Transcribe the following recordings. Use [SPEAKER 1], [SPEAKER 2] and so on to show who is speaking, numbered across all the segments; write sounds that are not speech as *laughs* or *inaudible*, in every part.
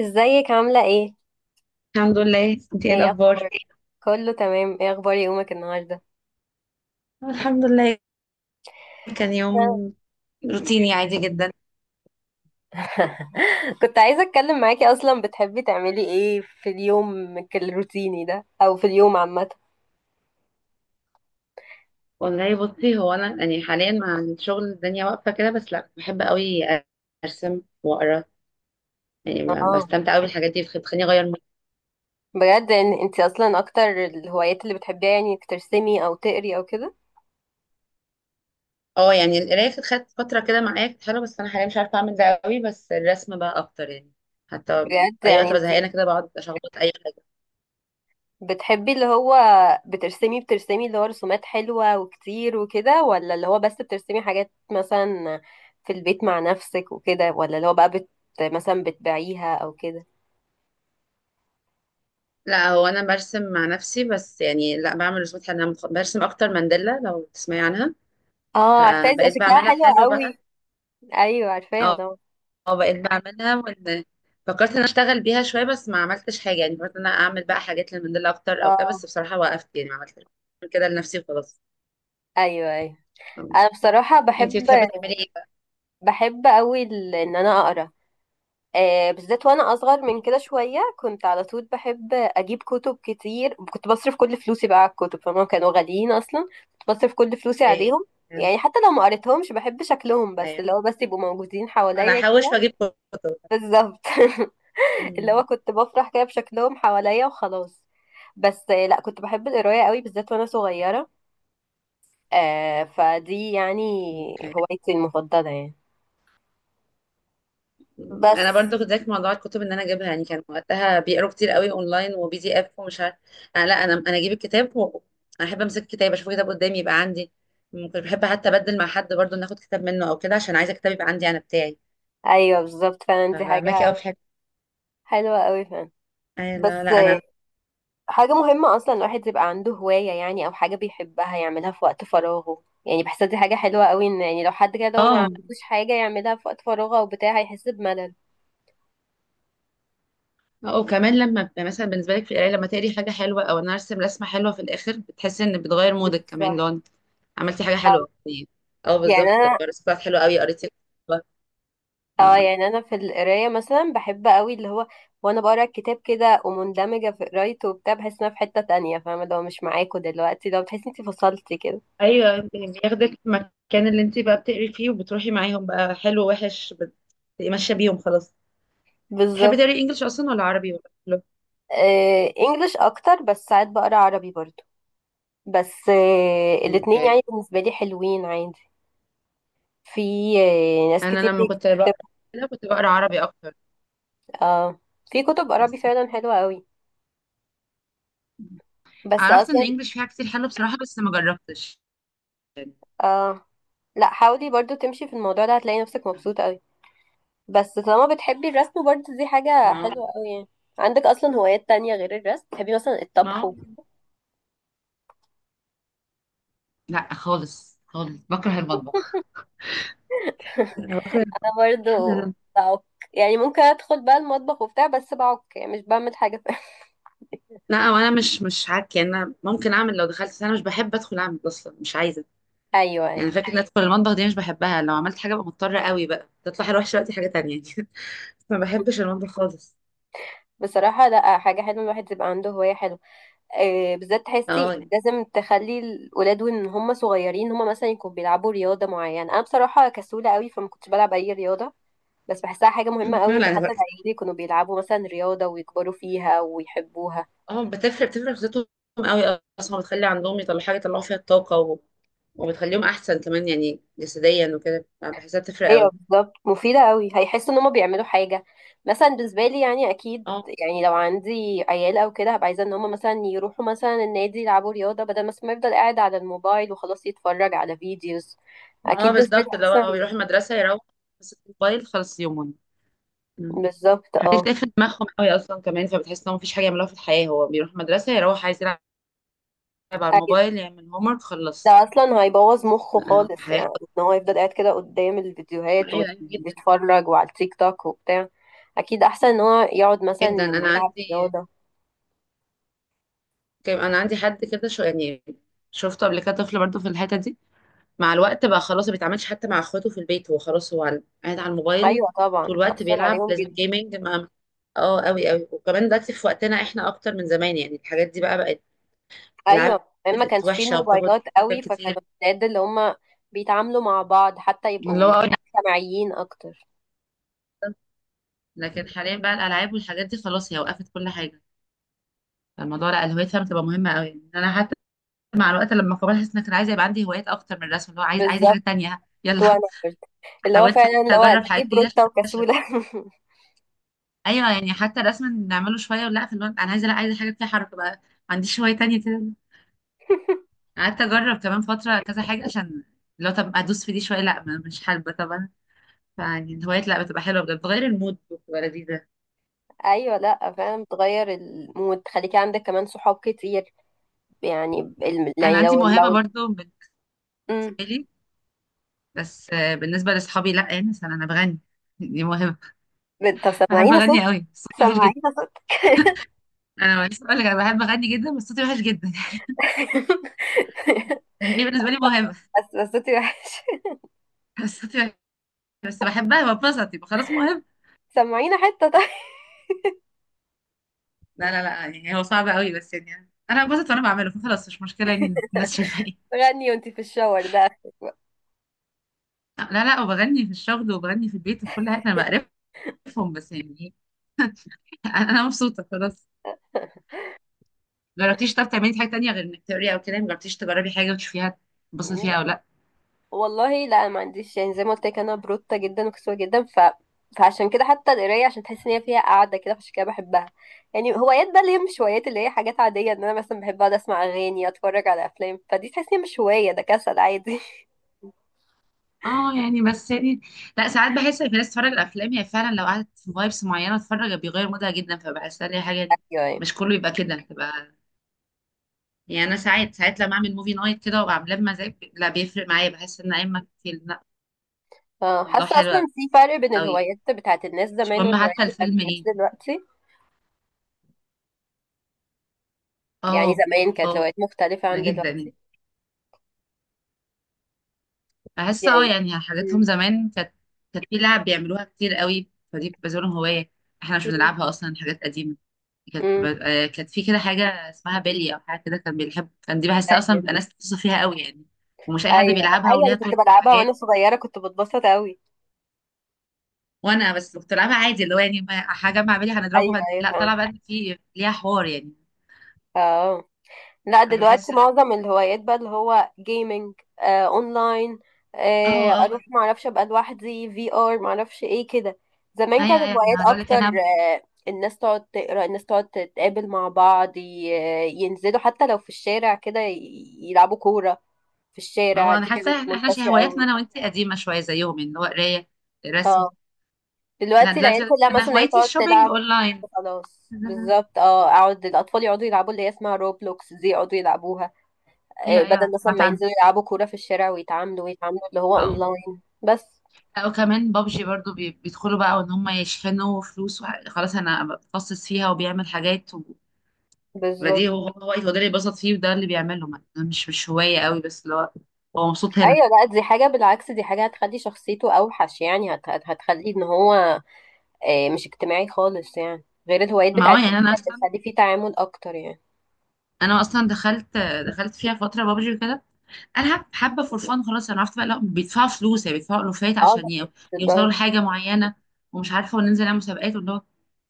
[SPEAKER 1] ازيك عاملة ايه؟
[SPEAKER 2] الحمد لله. انت ايه
[SPEAKER 1] ايه
[SPEAKER 2] الاخبار؟
[SPEAKER 1] اخبارك؟ كله تمام. ايه اخبار يومك النهاردة؟
[SPEAKER 2] الحمد لله. كان يوم روتيني عادي جدا.
[SPEAKER 1] *laughs* كنت عايزة اتكلم معاكي. اصلا بتحبي تعملي ايه في اليوم الروتيني ده او في اليوم عامة؟
[SPEAKER 2] والله بصي، هو انا يعني حاليا مع الشغل الدنيا واقفه كده، بس لا بحب قوي ارسم واقرا. يعني
[SPEAKER 1] اه،
[SPEAKER 2] بستمتع قوي بالحاجات دي، بتخليني اغير مود.
[SPEAKER 1] بجد ان انت اصلا اكتر الهوايات اللي بتحبيها يعني انك ترسمي او تقري او كده؟
[SPEAKER 2] اه يعني القرايه كانت خدت فتره كده معايا، كانت حلوه، بس انا حاليا مش عارفه اعمل ده قوي، بس الرسم بقى اكتر يعني. حتى
[SPEAKER 1] بجد؟
[SPEAKER 2] اي
[SPEAKER 1] يعني
[SPEAKER 2] وقت
[SPEAKER 1] انت
[SPEAKER 2] بزهقانه كده بقعد اشخبط اي حاجه.
[SPEAKER 1] بتحبي اللي هو بترسمي اللي هو رسومات حلوة وكتير وكده، ولا اللي هو بس بترسمي حاجات مثلا في البيت مع نفسك وكده، ولا اللي هو بقى مثلا بتبيعيها او كده؟
[SPEAKER 2] لا هو انا برسم مع نفسي، بس يعني لا بعمل رسومات حلوه، انا برسم اكتر مانديلا لو تسمعي عنها.
[SPEAKER 1] اه، عارفاها، دي
[SPEAKER 2] فبقيت
[SPEAKER 1] شكلها
[SPEAKER 2] بعملها
[SPEAKER 1] حلو
[SPEAKER 2] حلو بقى.
[SPEAKER 1] قوي. ايوه عارفاها
[SPEAKER 2] اه،
[SPEAKER 1] طبعا.
[SPEAKER 2] آه، بقيت بعملها، وان فكرت ان أنا اشتغل بيها شويه، بس ما عملتش حاجه. يعني فكرت ان انا اعمل بقى حاجات للموديل اكتر او كده، بس
[SPEAKER 1] اه.
[SPEAKER 2] بصراحه وقفت يعني، ما عملتش. كده لنفسي وخلاص.
[SPEAKER 1] ايوه ايوه.
[SPEAKER 2] آه.
[SPEAKER 1] انا بصراحة
[SPEAKER 2] انتي
[SPEAKER 1] بحب
[SPEAKER 2] بتحبي تعملي ايه بقى؟
[SPEAKER 1] بحب قوي ان انا اقرا. بالذات وانا اصغر من كده شويه كنت على طول بحب اجيب كتب كتير، كنت بصرف كل فلوسي بقى على الكتب، فهم كانوا غاليين اصلا، كنت بصرف كل فلوسي
[SPEAKER 2] ايه،
[SPEAKER 1] عليهم. يعني حتى لو ما قريتهمش بحب شكلهم، بس
[SPEAKER 2] أيوة.
[SPEAKER 1] اللي هو بس يبقوا موجودين
[SPEAKER 2] انا
[SPEAKER 1] حواليا
[SPEAKER 2] هحوش
[SPEAKER 1] كده.
[SPEAKER 2] واجيب كتب.
[SPEAKER 1] بالظبط. *laughs* اللي
[SPEAKER 2] أيوة.
[SPEAKER 1] هو كنت بفرح كده بشكلهم حواليا وخلاص. بس لا، كنت بحب القرايه قوي بالذات وانا صغيره. فدي يعني
[SPEAKER 2] اوكي.
[SPEAKER 1] هوايتي المفضله يعني.
[SPEAKER 2] انا
[SPEAKER 1] بس.
[SPEAKER 2] برضو كنت زيك في موضوع الكتب، ان انا اجيبها. يعني كان وقتها بيقروا كتير قوي اونلاين وبي دي اف ومش عارف. انا لا، انا اجيب الكتاب و... انا احب امسك الكتاب، اشوف كتاب قدامي يبقى عندي. ممكن بحب حتى ابدل مع حد برضو، ناخد كتاب منه او كده، عشان عايزه كتاب يبقى عندي انا بتاعي.
[SPEAKER 1] ايوه بالظبط فعلا، دي
[SPEAKER 2] فماكي
[SPEAKER 1] حاجه
[SPEAKER 2] قوي في الحته.
[SPEAKER 1] حلوه قوي فعلا.
[SPEAKER 2] أي لا
[SPEAKER 1] بس
[SPEAKER 2] لا انا.
[SPEAKER 1] حاجة مهمة أصلا الواحد يبقى عنده هواية، يعني أو حاجة بيحبها يعملها في وقت فراغه. يعني بحسها دي حاجة حلوة قوي، إن يعني لو حد كده هو ما
[SPEAKER 2] اه،
[SPEAKER 1] عندوش حاجة يعملها في وقت فراغه أو بتاع، هيحس بملل.
[SPEAKER 2] اه وكمان لما بيبقى مثلا بالنسبه لك في القرايه، لما تقري حاجه حلوه او انا ارسم رسمه حلوه، في الاخر بتحسي ان بتغير مودك كمان
[SPEAKER 1] بتفرح.
[SPEAKER 2] لو انت عملتي حاجه
[SPEAKER 1] أو
[SPEAKER 2] حلوه. اه
[SPEAKER 1] يعني
[SPEAKER 2] بالظبط.
[SPEAKER 1] أنا.
[SPEAKER 2] الرسالة بتاعت حلوه قوي قريتي.
[SPEAKER 1] اه يعني أنا في القراية مثلا بحب قوي اللي هو وأنا بقرا الكتاب كده ومندمجة في قرايته وبتاع بحس إن أنا في حتة تانية. فاهمة لو مش معاكوا دلوقتي، لو بتحسي إنتي فصلتي كده.
[SPEAKER 2] ايوه، انت بياخدك في المكان اللي انت بقى بتقري فيه، وبتروحي معاهم بقى، حلو وحش، بتبقي ماشيه بيهم خلاص. بتحبي
[SPEAKER 1] بالظبط.
[SPEAKER 2] تقري انجلش اصلا، ولا عربي ولا كله؟
[SPEAKER 1] انجلش أكتر، بس ساعات بقرا عربي برضه. بس الاتنين يعني
[SPEAKER 2] اوكي.
[SPEAKER 1] بالنسبة لي حلوين عادي. في ناس
[SPEAKER 2] انا
[SPEAKER 1] كتير
[SPEAKER 2] لما كنت بقرا
[SPEAKER 1] بتكتب.
[SPEAKER 2] كده، كنت بقرا عربي اكتر.
[SPEAKER 1] اه، في كتب عربي
[SPEAKER 2] بس
[SPEAKER 1] فعلا حلوة قوي. بس
[SPEAKER 2] عرفت ان
[SPEAKER 1] اصلا.
[SPEAKER 2] انجلش فيها كتير حلو بصراحه، بس ما جربتش.
[SPEAKER 1] اه، لا حاولي برضو تمشي في الموضوع ده، هتلاقي نفسك مبسوطة قوي. بس طالما بتحبي الرسم برضو دي حاجة
[SPEAKER 2] ما
[SPEAKER 1] حلوة قوي يعني. عندك اصلا هوايات تانية غير الرسم؟ بتحبي مثلا الطبخ
[SPEAKER 2] ما
[SPEAKER 1] وكده؟
[SPEAKER 2] لا خالص خالص، بكره المطبخ. أنا
[SPEAKER 1] *laughs*
[SPEAKER 2] بكره.
[SPEAKER 1] انا برضو
[SPEAKER 2] *laughs*
[SPEAKER 1] بعك. يعني ممكن ادخل بقى المطبخ وبتاع، بس بعك يعني، مش بعمل حاجة. *laughs*
[SPEAKER 2] لا وانا مش عك. يعني انا ممكن اعمل لو دخلت، بس انا مش بحب ادخل اعمل اصلا، مش عايزه.
[SPEAKER 1] ايوه، أيوة.
[SPEAKER 2] يعني فكرة إن أدخل المطبخ دي مش بحبها. لو عملت حاجة ببقى مضطرة قوي بقى، تطلع أروح دلوقتي حاجة تانية. *laughs* ما بحبش المطبخ خالص.
[SPEAKER 1] بصراحة لا، حاجة حلوة الواحد يبقى عنده هواية حلوة. بالذات
[SPEAKER 2] *laughs* اه
[SPEAKER 1] تحسي
[SPEAKER 2] يعني.
[SPEAKER 1] لازم تخلي الولاد وان هم صغيرين، هم مثلا يكونوا بيلعبوا رياضه معينه. انا بصراحه كسوله قوي فما كنتش بلعب اي رياضه، بس بحسها حاجه مهمه
[SPEAKER 2] *clears throat*
[SPEAKER 1] قوي ان
[SPEAKER 2] لا أنا
[SPEAKER 1] حتى
[SPEAKER 2] بقى.
[SPEAKER 1] العيال يكونوا بيلعبوا مثلا رياضه ويكبروا فيها ويحبوها.
[SPEAKER 2] اه بتفرق خطتهم قوي أصلا، بتخلي عندهم يطلعوا حاجة، يطلعوا فيها الطاقة و... وبتخليهم أحسن كمان يعني جسديا وكده، بحسها بتفرق
[SPEAKER 1] ايوه
[SPEAKER 2] قوي.
[SPEAKER 1] بالظبط، مفيده قوي، هيحسوا ان هم بيعملوا حاجه. مثلا بالنسبه لي يعني اكيد.
[SPEAKER 2] اه،
[SPEAKER 1] يعني لو عندي عيال او كده، هبقى عايزه ان هم مثلا يروحوا مثلا النادي يلعبوا رياضه، بدل مثلا ما يفضل قاعد على الموبايل وخلاص يتفرج على فيديوز.
[SPEAKER 2] اه
[SPEAKER 1] اكيد بالنسبه
[SPEAKER 2] بالظبط،
[SPEAKER 1] لي
[SPEAKER 2] اللي هو
[SPEAKER 1] احسن.
[SPEAKER 2] هو بيروح المدرسة، يروح بس الموبايل، خلص يومهم. مم.
[SPEAKER 1] بالظبط
[SPEAKER 2] حاجات
[SPEAKER 1] اه.
[SPEAKER 2] تقفل دماغهم قوي أصلا كمان، فبتحس إنهم مفيش حاجة يعملوها في الحياة. هو بيروح المدرسة، يروح عايز يلعب على الموبايل، يعمل هومورك،
[SPEAKER 1] ده
[SPEAKER 2] خلص.
[SPEAKER 1] اصلا هيبوظ مخه
[SPEAKER 2] آه،
[SPEAKER 1] خالص،
[SPEAKER 2] حياة.
[SPEAKER 1] يعني ان هو يفضل قاعد كده قدام الفيديوهات
[SPEAKER 2] ايوه ايوه جدا
[SPEAKER 1] ويتفرج وعلى التيك توك وبتاع. اكيد احسن ان هو يقعد مثلا
[SPEAKER 2] جدا. انا
[SPEAKER 1] يلعب
[SPEAKER 2] عندي
[SPEAKER 1] رياضه.
[SPEAKER 2] انا عندي حد كده، شو يعني شفته قبل كده، طفل برضه في الحته دي. مع الوقت بقى خلاص ما بيتعاملش حتى مع اخواته في البيت، هو خلاص هو على- قاعد على الموبايل
[SPEAKER 1] ايوه طبعا،
[SPEAKER 2] طول الوقت
[SPEAKER 1] تاثر
[SPEAKER 2] بيلعب،
[SPEAKER 1] عليهم
[SPEAKER 2] لازم
[SPEAKER 1] جدا.
[SPEAKER 2] جيمنج مع. اه قوي قوي. وكمان دلوقتي في وقتنا احنا اكتر من زمان، يعني الحاجات دي بقى بقت
[SPEAKER 1] ايوه
[SPEAKER 2] العاب،
[SPEAKER 1] كمان ما كانش
[SPEAKER 2] بقت
[SPEAKER 1] فيه
[SPEAKER 2] وحشه وبتاخد
[SPEAKER 1] الموبايلات
[SPEAKER 2] فكر
[SPEAKER 1] قوي،
[SPEAKER 2] كتير،
[SPEAKER 1] فكانوا الولاد اللي هم بيتعاملوا مع بعض حتى
[SPEAKER 2] اللي هو
[SPEAKER 1] يبقوا
[SPEAKER 2] أقول.
[SPEAKER 1] مجتمعيين اكتر.
[SPEAKER 2] لكن حاليا بقى الالعاب والحاجات دي خلاص، هي وقفت كل حاجه. الموضوع لا، الهوية فعلا بتبقى مهمه قوي. انا حتى مع الوقت لما كبرت، حسيت انك انا عايزه يبقى عندي هوايات اكتر من الرسم، اللي هو عايزه حاجه
[SPEAKER 1] بالظبط.
[SPEAKER 2] تانية، يلا.
[SPEAKER 1] وانا برضه.
[SPEAKER 2] *laughs*
[SPEAKER 1] اللي هو
[SPEAKER 2] حاولت
[SPEAKER 1] فعلا اللي هو انا
[SPEAKER 2] اجرب
[SPEAKER 1] ليه
[SPEAKER 2] حاجات جديده عشان
[SPEAKER 1] بروتة
[SPEAKER 2] اكتشف.
[SPEAKER 1] وكسولة.
[SPEAKER 2] ايوه، يعني حتى الرسم نعمله شويه، ولا في الوقت انا عايزه، لا عايزه حاجه فيها حركه بقى، ما عنديش هوايه تانية كده.
[SPEAKER 1] *laughs*
[SPEAKER 2] قعدت اجرب كمان فتره كذا حاجه، عشان لو طب ادوس في دي شويه، لا مش حابه طبعا. فيعني الهوايات لا، بتبقى حلوه بجد، بتغير المود، بتبقى لذيذه.
[SPEAKER 1] ايوه، لا فعلا بتغير المود، تخليكي عندك كمان صحاب كتير. يعني ال-
[SPEAKER 2] انا
[SPEAKER 1] يعني لو
[SPEAKER 2] عندي موهبه
[SPEAKER 1] لو.
[SPEAKER 2] برضو بالنسبه
[SPEAKER 1] مم.
[SPEAKER 2] لي، بس آه، بالنسبه لاصحابي لا. يعني مثلا انا بغني. *laughs* دي موهبه.
[SPEAKER 1] طب
[SPEAKER 2] بحب
[SPEAKER 1] سمعينا صوت.
[SPEAKER 2] اغني قوي، صوتي وحش
[SPEAKER 1] سمعينا
[SPEAKER 2] جدا.
[SPEAKER 1] صوتك.
[SPEAKER 2] انا لسه بقول لك، انا بحب اغني جدا بس صوتي وحش جدا. *laughs*
[SPEAKER 1] *laughs*
[SPEAKER 2] يعني ايه، بالنسبه لي موهبه.
[SPEAKER 1] بس بس صوتي وحش.
[SPEAKER 2] *laughs* بس صوتي وحش. بس بحبها، ببسط، يبقى خلاص موهبه.
[SPEAKER 1] سمعينا حتة طيب.
[SPEAKER 2] لا لا لا، يعني هو صعب قوي، بس يعني انا ببسط وانا بعمله، فخلاص مش مشكله يعني الناس شايفه ايه.
[SPEAKER 1] غني وانتي في الشاور ده، *laughs* اخرك بقى.
[SPEAKER 2] لا لا، وبغني في الشغل وبغني في البيت وفي كل حاجه، انا بقرفهم. بس يعني إيه، *laughs* أنا مبسوطه خلاص. جربتيش طب تعملي حاجه تانية غير انك تقري او كده؟ جربتيش تجربي حاجه وتشوفيها، تبصي فيها
[SPEAKER 1] لا
[SPEAKER 2] او لا؟
[SPEAKER 1] والله لا، ما عنديش. يعني زي ما قلت لك، انا بروتة جدا وكسوة جدا. فعشان كده حتى القراية، عشان تحس ان هي فيها قعدة كده، فعشان كده بحبها. يعني هوايات بقى اللي هي مش هوايات، اللي هي حاجات عادية، ان انا مثلا بحب اقعد اسمع اغاني، اتفرج على افلام، فدي تحس ان هي مش هواية، ده كسل عادي.
[SPEAKER 2] اه يعني، بس يعني لا، ساعات بحس ان في ناس بتتفرج على الافلام هي فعلا لو قعدت في فايبس معينه تتفرج، بيغير مودها جدا، فبحسها لي حاجه دي. مش
[SPEAKER 1] *laughs*
[SPEAKER 2] كله يبقى كده تبقى، يعني انا ساعات ساعات لما اعمل موفي نايت كده وابقى عاملاه بمزاج، لا بيفرق معايا، بحس ان ايما كتير لا.
[SPEAKER 1] اه،
[SPEAKER 2] الله،
[SPEAKER 1] حاسه اصلا
[SPEAKER 2] حلو
[SPEAKER 1] في فرق بين
[SPEAKER 2] قوي.
[SPEAKER 1] الهوايات بتاعت الناس
[SPEAKER 2] مش
[SPEAKER 1] زمان
[SPEAKER 2] مهم
[SPEAKER 1] والهوايات
[SPEAKER 2] حتى
[SPEAKER 1] بتاعت
[SPEAKER 2] الفيلم
[SPEAKER 1] الناس
[SPEAKER 2] ايه.
[SPEAKER 1] دلوقتي. يعني
[SPEAKER 2] اه،
[SPEAKER 1] زمان كانت
[SPEAKER 2] اه
[SPEAKER 1] الهوايات مختلفه
[SPEAKER 2] ده
[SPEAKER 1] عن
[SPEAKER 2] جدا
[SPEAKER 1] دلوقتي.
[SPEAKER 2] يعني. بحس اه
[SPEAKER 1] يعني
[SPEAKER 2] يعني حاجاتهم
[SPEAKER 1] امم
[SPEAKER 2] زمان كانت، كانت في لعب بيعملوها كتير قوي، فدي بتبقى زي لهم هوايه. احنا مش
[SPEAKER 1] امم
[SPEAKER 2] بنلعبها اصلا، حاجات قديمه. كانت
[SPEAKER 1] امم
[SPEAKER 2] آه، كانت في كده حاجة اسمها بلي أو حاجة كده، كان بيحب، كان دي بحسها أصلا
[SPEAKER 1] ايوه
[SPEAKER 2] بيبقى ناس بتوصف فيها قوي يعني. ومش أي حد
[SPEAKER 1] ايوه
[SPEAKER 2] بيلعبها،
[SPEAKER 1] ايوه.
[SPEAKER 2] وليها
[SPEAKER 1] انا كنت
[SPEAKER 2] طرق
[SPEAKER 1] بلعبها وانا
[SPEAKER 2] وحاجات.
[SPEAKER 1] صغيره كنت بتبسط قوي.
[SPEAKER 2] وأنا بس كنت بلعبها عادي، اللي هو يعني هجمع بلي
[SPEAKER 1] ايوه
[SPEAKER 2] هنضربه
[SPEAKER 1] ايوه
[SPEAKER 2] لا، طلع
[SPEAKER 1] فاهم.
[SPEAKER 2] بقى إن في ليها حوار يعني.
[SPEAKER 1] اه، لا
[SPEAKER 2] أنا
[SPEAKER 1] دلوقتي
[SPEAKER 2] بحس لا.
[SPEAKER 1] معظم الهوايات بقى اللي هو جيمنج. آه اونلاين.
[SPEAKER 2] اه،
[SPEAKER 1] آه،
[SPEAKER 2] اه
[SPEAKER 1] اروح
[SPEAKER 2] أه،
[SPEAKER 1] معرفش ابقى لوحدي في ار معرفش ايه كده. زمان
[SPEAKER 2] أيوه
[SPEAKER 1] كانت
[SPEAKER 2] أيوة، يعني
[SPEAKER 1] الهوايات
[SPEAKER 2] هقول لك
[SPEAKER 1] اكتر.
[SPEAKER 2] أنا.
[SPEAKER 1] آه، الناس تقعد تقرا، الناس تقعد تتقابل مع بعض. ينزلوا حتى لو في الشارع كده يلعبوا كورة في
[SPEAKER 2] ما هو
[SPEAKER 1] الشارع،
[SPEAKER 2] أنا
[SPEAKER 1] دي كانت
[SPEAKER 2] حاسة إحنا
[SPEAKER 1] منتشرة
[SPEAKER 2] هواياتنا
[SPEAKER 1] قوي.
[SPEAKER 2] أنا وأنت قديمة شوية زيهم، يعني اللي هو قراية، رسم.
[SPEAKER 1] اه،
[SPEAKER 2] أنا
[SPEAKER 1] دلوقتي العيال
[SPEAKER 2] دلوقتي
[SPEAKER 1] كلها
[SPEAKER 2] أنا
[SPEAKER 1] مثلا هي
[SPEAKER 2] هوايتي
[SPEAKER 1] تقعد
[SPEAKER 2] الشوبينج
[SPEAKER 1] تلعب.
[SPEAKER 2] أونلاين.
[SPEAKER 1] خلاص بالظبط، اه اقعد الاطفال يقعدوا يلعبوا اللي هي اسمها روبلوكس، دي يقعدوا يلعبوها.
[SPEAKER 2] أيوه أيوه،
[SPEAKER 1] بدل مثلا
[SPEAKER 2] سمعت
[SPEAKER 1] ما ينزلوا يلعبوا كورة في الشارع ويتعاملوا، ويتعاملوا اللي هو
[SPEAKER 2] عنها.
[SPEAKER 1] اونلاين بس.
[SPEAKER 2] لا وكمان بابجي برضو، بيدخلوا بقى وان هم يشحنوا فلوس خلاص انا بتخصص فيها وبيعمل حاجات.
[SPEAKER 1] بالظبط.
[SPEAKER 2] وبديه، هو ده اللي بيبسط فيه وده اللي بيعمله، ما- ده مش هواية قوي، بس اللي هو هو مبسوط هنا.
[SPEAKER 1] ايوه لا، دي حاجة بالعكس، دي حاجة هتخلي شخصيته اوحش يعني. هتخلي ان هو مش اجتماعي خالص يعني. غير الهوايات
[SPEAKER 2] ما هو
[SPEAKER 1] بتاعت زمان
[SPEAKER 2] يعني انا
[SPEAKER 1] كانت
[SPEAKER 2] اصلا
[SPEAKER 1] بتخلي فيه تعامل اكتر يعني.
[SPEAKER 2] انا اصلا دخلت فيها فترة بابجي وكده، العب حبة فور فان خلاص. انا عرفت بقى لا بيدفعوا فلوس، يعني بيدفعوا الوفات
[SPEAKER 1] اه لا
[SPEAKER 2] عشان ي-
[SPEAKER 1] مش
[SPEAKER 2] يوصلوا
[SPEAKER 1] للدرجة.
[SPEAKER 2] لحاجة معينة، ومش عارفة، وننزل نعمل مسابقات واللي هو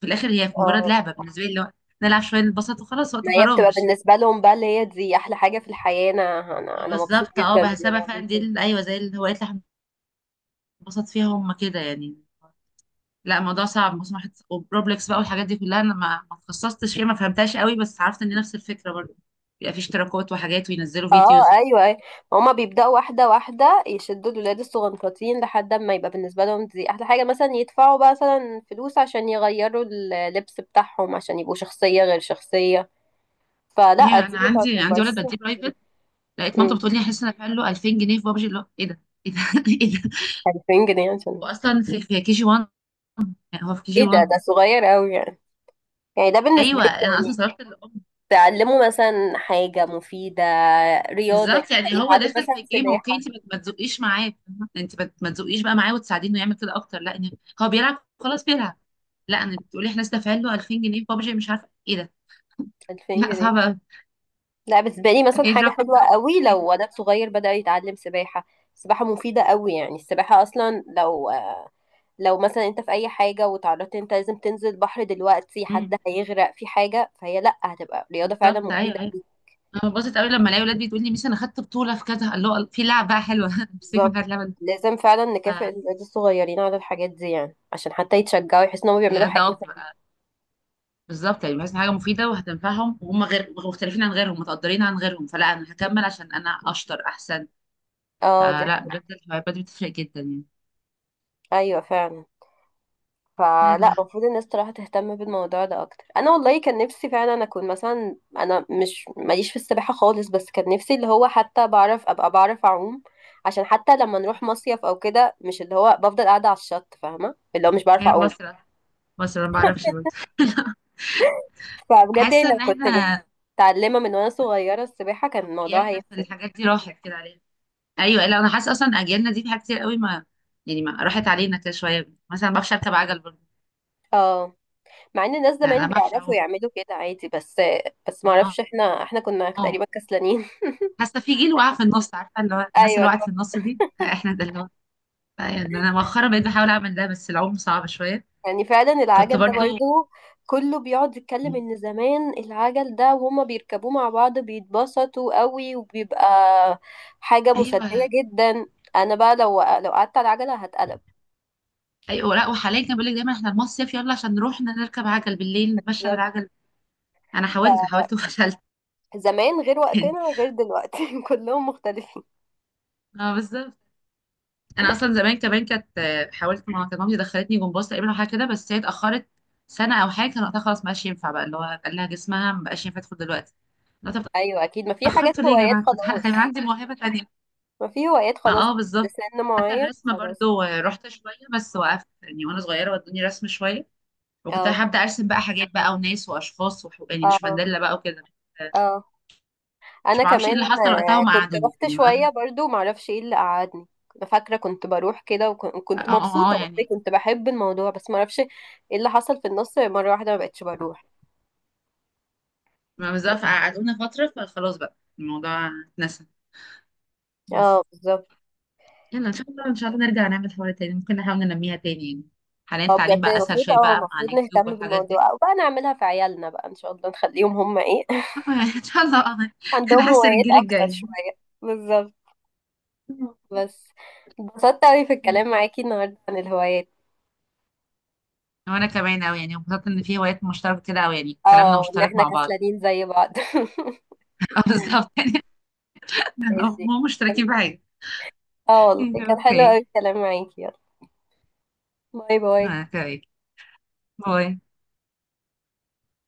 [SPEAKER 2] في الاخر هي مجرد
[SPEAKER 1] اه،
[SPEAKER 2] لعبة بالنسبة لي، اللي هو نلعب شوية نتبسط وخلاص، وقت
[SPEAKER 1] ما هي
[SPEAKER 2] فراغ
[SPEAKER 1] بتبقى
[SPEAKER 2] مش.
[SPEAKER 1] بالنسبة لهم بقى اللي هي دي احلى حاجة في الحياة، انا
[SPEAKER 2] آه
[SPEAKER 1] أنا مبسوط
[SPEAKER 2] بالظبط، اه
[SPEAKER 1] جدا ان انا
[SPEAKER 2] بحسابها
[SPEAKER 1] بعمل
[SPEAKER 2] فعلا دي
[SPEAKER 1] كده.
[SPEAKER 2] ايوه زي الهوايات اللي احنا بنبسط فيها، هم كده يعني. لا الموضوع صعب، بص واحد وبروبلكس بقى والحاجات دي كلها، انا ما اتخصصتش فيها، ما فهمتهاش قوي، بس عرفت ان نفس الفكره برضه بيبقى في اشتراكات وحاجات وينزلوا
[SPEAKER 1] اه
[SPEAKER 2] فيديوز.
[SPEAKER 1] ايوه ايوه. هما بيبداوا واحده واحده يشدوا الولاد الصغنطاطين لحد ما يبقى بالنسبه لهم دي احلى حاجه، مثلا يدفعوا بقى مثلا فلوس عشان يغيروا اللبس بتاعهم عشان يبقوا شخصيه غير شخصيه.
[SPEAKER 2] هي
[SPEAKER 1] فلا دي
[SPEAKER 2] انا
[SPEAKER 1] ما
[SPEAKER 2] عندي ولد
[SPEAKER 1] تعتبرش.
[SPEAKER 2] بديه برايفت، لقيت
[SPEAKER 1] أمم،
[SPEAKER 2] مامته بتقول لي احس ان انا دافع له 2000 جنيه في بابجي، اللي هو ايه ده، ايه ده، *laughs* ايه ده.
[SPEAKER 1] 2000 جنيه عشان
[SPEAKER 2] واصلا في كي جي 1، يعني هو في كي جي
[SPEAKER 1] ايه ده؟
[SPEAKER 2] 1.
[SPEAKER 1] ده صغير قوي يعني. يعني ده بالنسبه
[SPEAKER 2] ايوه
[SPEAKER 1] لي
[SPEAKER 2] انا اصلا
[SPEAKER 1] يعني،
[SPEAKER 2] صرفت.
[SPEAKER 1] تعلموا مثلا حاجه مفيده، رياضه،
[SPEAKER 2] بالظبط يعني هو
[SPEAKER 1] يتعلم
[SPEAKER 2] داخل
[SPEAKER 1] مثلا
[SPEAKER 2] في الجيم، اوكي.
[SPEAKER 1] سباحه.
[SPEAKER 2] انت ما تزقيش معاه فاهمة؟ انت ما تزقيش بقى معاه وتساعدينه يعمل كده اكتر، لا إن هو بيلعب خلاص بيلعب. لا انا بتقولي احنا دافعين له 2000 جنيه في بابجي، مش عارفه ايه ده. *laughs*
[SPEAKER 1] 2000
[SPEAKER 2] لا
[SPEAKER 1] جنيه
[SPEAKER 2] صعب قوي.
[SPEAKER 1] لا بالنسبة لي مثلا
[SPEAKER 2] ايه
[SPEAKER 1] حاجة
[SPEAKER 2] الرقم
[SPEAKER 1] حلوة
[SPEAKER 2] ده؟
[SPEAKER 1] قوي
[SPEAKER 2] إيه؟
[SPEAKER 1] لو ولد صغير بدأ يتعلم سباحة. السباحة مفيدة قوي يعني، السباحة أصلا لو لو مثلا أنت في أي حاجة وتعرضت أنت لازم تنزل بحر دلوقتي،
[SPEAKER 2] أمم،
[SPEAKER 1] حد هيغرق في حاجة، فهي لأ، هتبقى رياضة فعلا
[SPEAKER 2] بالظبط ايوه
[SPEAKER 1] مفيدة
[SPEAKER 2] ايوه.
[SPEAKER 1] ليك.
[SPEAKER 2] انا ببسط قوي لما الاقي ولاد بتقول لي ميس انا خدت بطوله في كذا، قال له في لعب بقى حلوه. *laughs* مسك من
[SPEAKER 1] بالظبط،
[SPEAKER 2] هذا اللعبه.
[SPEAKER 1] لازم فعلا نكافئ الولاد الصغيرين على الحاجات دي يعني، عشان حتى يتشجعوا، يحسوا إنهم بيعملوا
[SPEAKER 2] بجد
[SPEAKER 1] حاجة.
[SPEAKER 2] اه، بتبقى بالظبط يعني، بحس إن حاجه مفيده وهتنفعهم، وهم غير مختلفين عن غيرهم، متقدرين عن غيرهم، فلا انا هكمل عشان انا اشطر احسن.
[SPEAKER 1] اه، دي
[SPEAKER 2] فلا
[SPEAKER 1] حاجة.
[SPEAKER 2] بجد الهوايات بتفرق جدا يعني.
[SPEAKER 1] أيوة فعلا. فلا
[SPEAKER 2] يلا.
[SPEAKER 1] المفروض الناس صراحة تهتم بالموضوع ده اكتر. انا والله كان نفسي فعلا اكون مثلا، انا مش ماليش في السباحة خالص، بس كان نفسي اللي هو حتى بعرف، ابقى بعرف اعوم، عشان حتى لما نروح مصيف او كده مش اللي هو بفضل قاعدة على الشط. فاهمة اللي هو مش بعرف
[SPEAKER 2] هي
[SPEAKER 1] اعوم.
[SPEAKER 2] بسرعة. بسرعة ما بعرفش برضه.
[SPEAKER 1] فبجد يعني
[SPEAKER 2] حاسة
[SPEAKER 1] لو
[SPEAKER 2] ان
[SPEAKER 1] كنت
[SPEAKER 2] احنا
[SPEAKER 1] متعلمة من وانا صغيرة السباحة كان الموضوع
[SPEAKER 2] اجيالنا في
[SPEAKER 1] هيفرق.
[SPEAKER 2] الحاجات دي راحت كده علينا. ايوه، لا انا حاسة اصلا اجيالنا دي في حاجات كتير قوي ما، يعني ما راحت علينا كده شوية. مثلا ما بعرفش اركب عجل برضه.
[SPEAKER 1] اه، مع ان الناس
[SPEAKER 2] يعني انا
[SPEAKER 1] زمان
[SPEAKER 2] ما بعرفش
[SPEAKER 1] بيعرفوا
[SPEAKER 2] اعوم.
[SPEAKER 1] يعملوا كده عادي، بس. بس
[SPEAKER 2] ما-
[SPEAKER 1] معرفش، احنا كنا
[SPEAKER 2] اه
[SPEAKER 1] تقريبا كسلانين.
[SPEAKER 2] حاسة في جيل وقع في النص، عارفة اللي هو
[SPEAKER 1] *laughs*
[SPEAKER 2] الناس اللي
[SPEAKER 1] ايوه،
[SPEAKER 2] وقعت في النص دي احنا، ده اللي هو يعني. انا مؤخرا بقيت بحاول اعمل ده، بس العوم صعب شوية.
[SPEAKER 1] يعني فعلا
[SPEAKER 2] كنت
[SPEAKER 1] العجل ده
[SPEAKER 2] برضه.
[SPEAKER 1] برضه، كله بيقعد يتكلم ان زمان العجل ده وهما بيركبوه مع بعض بيتبسطوا قوي، وبيبقى حاجة مسلية
[SPEAKER 2] ايوه
[SPEAKER 1] جدا. انا بقى لو قعدت على العجلة هتقلب.
[SPEAKER 2] ايوه. لا وحاليا كان بيقول لك دايما احنا المصيف يلا عشان نروح نركب عجل، بالليل نتمشى
[SPEAKER 1] بالظبط.
[SPEAKER 2] بالعجل. انا حاولت حاولت وفشلت.
[SPEAKER 1] زمان غير
[SPEAKER 2] *laughs* تاني.
[SPEAKER 1] وقتنا وغير دلوقتي، *laughs* كلهم مختلفين.
[SPEAKER 2] اه بالظبط. انا اصلا زمان كمان كانت آه، حاولت. ما كانت مامتي دخلتني جمباز تقريبا او حاجه كده، بس هي اتاخرت سنه او حاجه، كان وقتها خلاص ما بقاش ينفع بقى، اللي هو قال لها جسمها ما بقاش ينفع تدخل دلوقتي. لا طب،
[SPEAKER 1] ايوه اكيد، ما في حاجات
[SPEAKER 2] اتاخرتوا ليه يا
[SPEAKER 1] هوايات
[SPEAKER 2] جماعه، كنت كان
[SPEAKER 1] خلاص.
[SPEAKER 2] عندي موهبه تانية.
[SPEAKER 1] ما في هوايات
[SPEAKER 2] ما
[SPEAKER 1] خلاص.
[SPEAKER 2] اه
[SPEAKER 1] ده
[SPEAKER 2] بالظبط.
[SPEAKER 1] سن
[SPEAKER 2] حتى
[SPEAKER 1] معين
[SPEAKER 2] الرسمه
[SPEAKER 1] خلاص.
[SPEAKER 2] برضو آه، رحت شويه بس وقفت، يعني وانا صغيره ودوني رسم شويه، وكنت
[SPEAKER 1] اه
[SPEAKER 2] هبدا ارسم بقى حاجات بقى وناس واشخاص يعني مش
[SPEAKER 1] اه
[SPEAKER 2] مانديلا بقى وكده.
[SPEAKER 1] اه.
[SPEAKER 2] مش
[SPEAKER 1] انا
[SPEAKER 2] بعرفش ايه
[SPEAKER 1] كمان
[SPEAKER 2] اللي حصل وقتها وما
[SPEAKER 1] كنت
[SPEAKER 2] قعدوني،
[SPEAKER 1] رحت
[SPEAKER 2] يعني ما...
[SPEAKER 1] شويه برضو، معرفش ايه اللي قعدني. كنت فاكره كنت بروح كده
[SPEAKER 2] اه
[SPEAKER 1] وكنت
[SPEAKER 2] اه
[SPEAKER 1] مبسوطه،
[SPEAKER 2] آه،
[SPEAKER 1] والله
[SPEAKER 2] يعني
[SPEAKER 1] كنت بحب الموضوع، بس معرفش ايه اللي حصل في النص مره واحده ما بقتش بروح.
[SPEAKER 2] ما بالظبط، قعدونا فترة فخلاص بقى الموضوع اتنسى.
[SPEAKER 1] اه
[SPEAKER 2] بس،
[SPEAKER 1] بالظبط.
[SPEAKER 2] يلا ان شاء الله، ان شاء الله نرجع نعمل حوار تاني. ممكن نحاول ننميها تاني يعني، حاليا
[SPEAKER 1] اه، بجد
[SPEAKER 2] التعليم بقى اسهل
[SPEAKER 1] المفروض،
[SPEAKER 2] شوية بقى مع
[SPEAKER 1] المفروض
[SPEAKER 2] اليوتيوب
[SPEAKER 1] نهتم
[SPEAKER 2] والحاجات دي.
[SPEAKER 1] بالموضوع، او بقى نعملها في عيالنا، بقى ان شاء الله نخليهم هم ايه، *laughs*
[SPEAKER 2] *laughs* آه، يعني ان شاء الله، آه،
[SPEAKER 1] عندهم
[SPEAKER 2] نحسن. *laughs*
[SPEAKER 1] هوايات
[SPEAKER 2] الجيل
[SPEAKER 1] اكتر
[SPEAKER 2] الجاي.
[SPEAKER 1] شويه. بالظبط. بس، اتبسطت اوي في الكلام معاكي النهارده عن الهوايات.
[SPEAKER 2] وانا كمان اوي، يعني انبسطت ان في هوايات مشتركة كده اوي، يعني
[SPEAKER 1] اه،
[SPEAKER 2] كلامنا
[SPEAKER 1] وان
[SPEAKER 2] مشترك
[SPEAKER 1] احنا
[SPEAKER 2] مع بعض.
[SPEAKER 1] كسلانين زي بعض. *laughs*
[SPEAKER 2] *laughs* آه، بالظبط يعني. آه،
[SPEAKER 1] ماشي.
[SPEAKER 2] مو مشتركين بحاجة.
[SPEAKER 1] اه والله
[SPEAKER 2] *laughs*
[SPEAKER 1] كان حلو
[SPEAKER 2] اوكي.
[SPEAKER 1] قوي الكلام معاكي، يلا باي باي.
[SPEAKER 2] آه، اوكي. باي.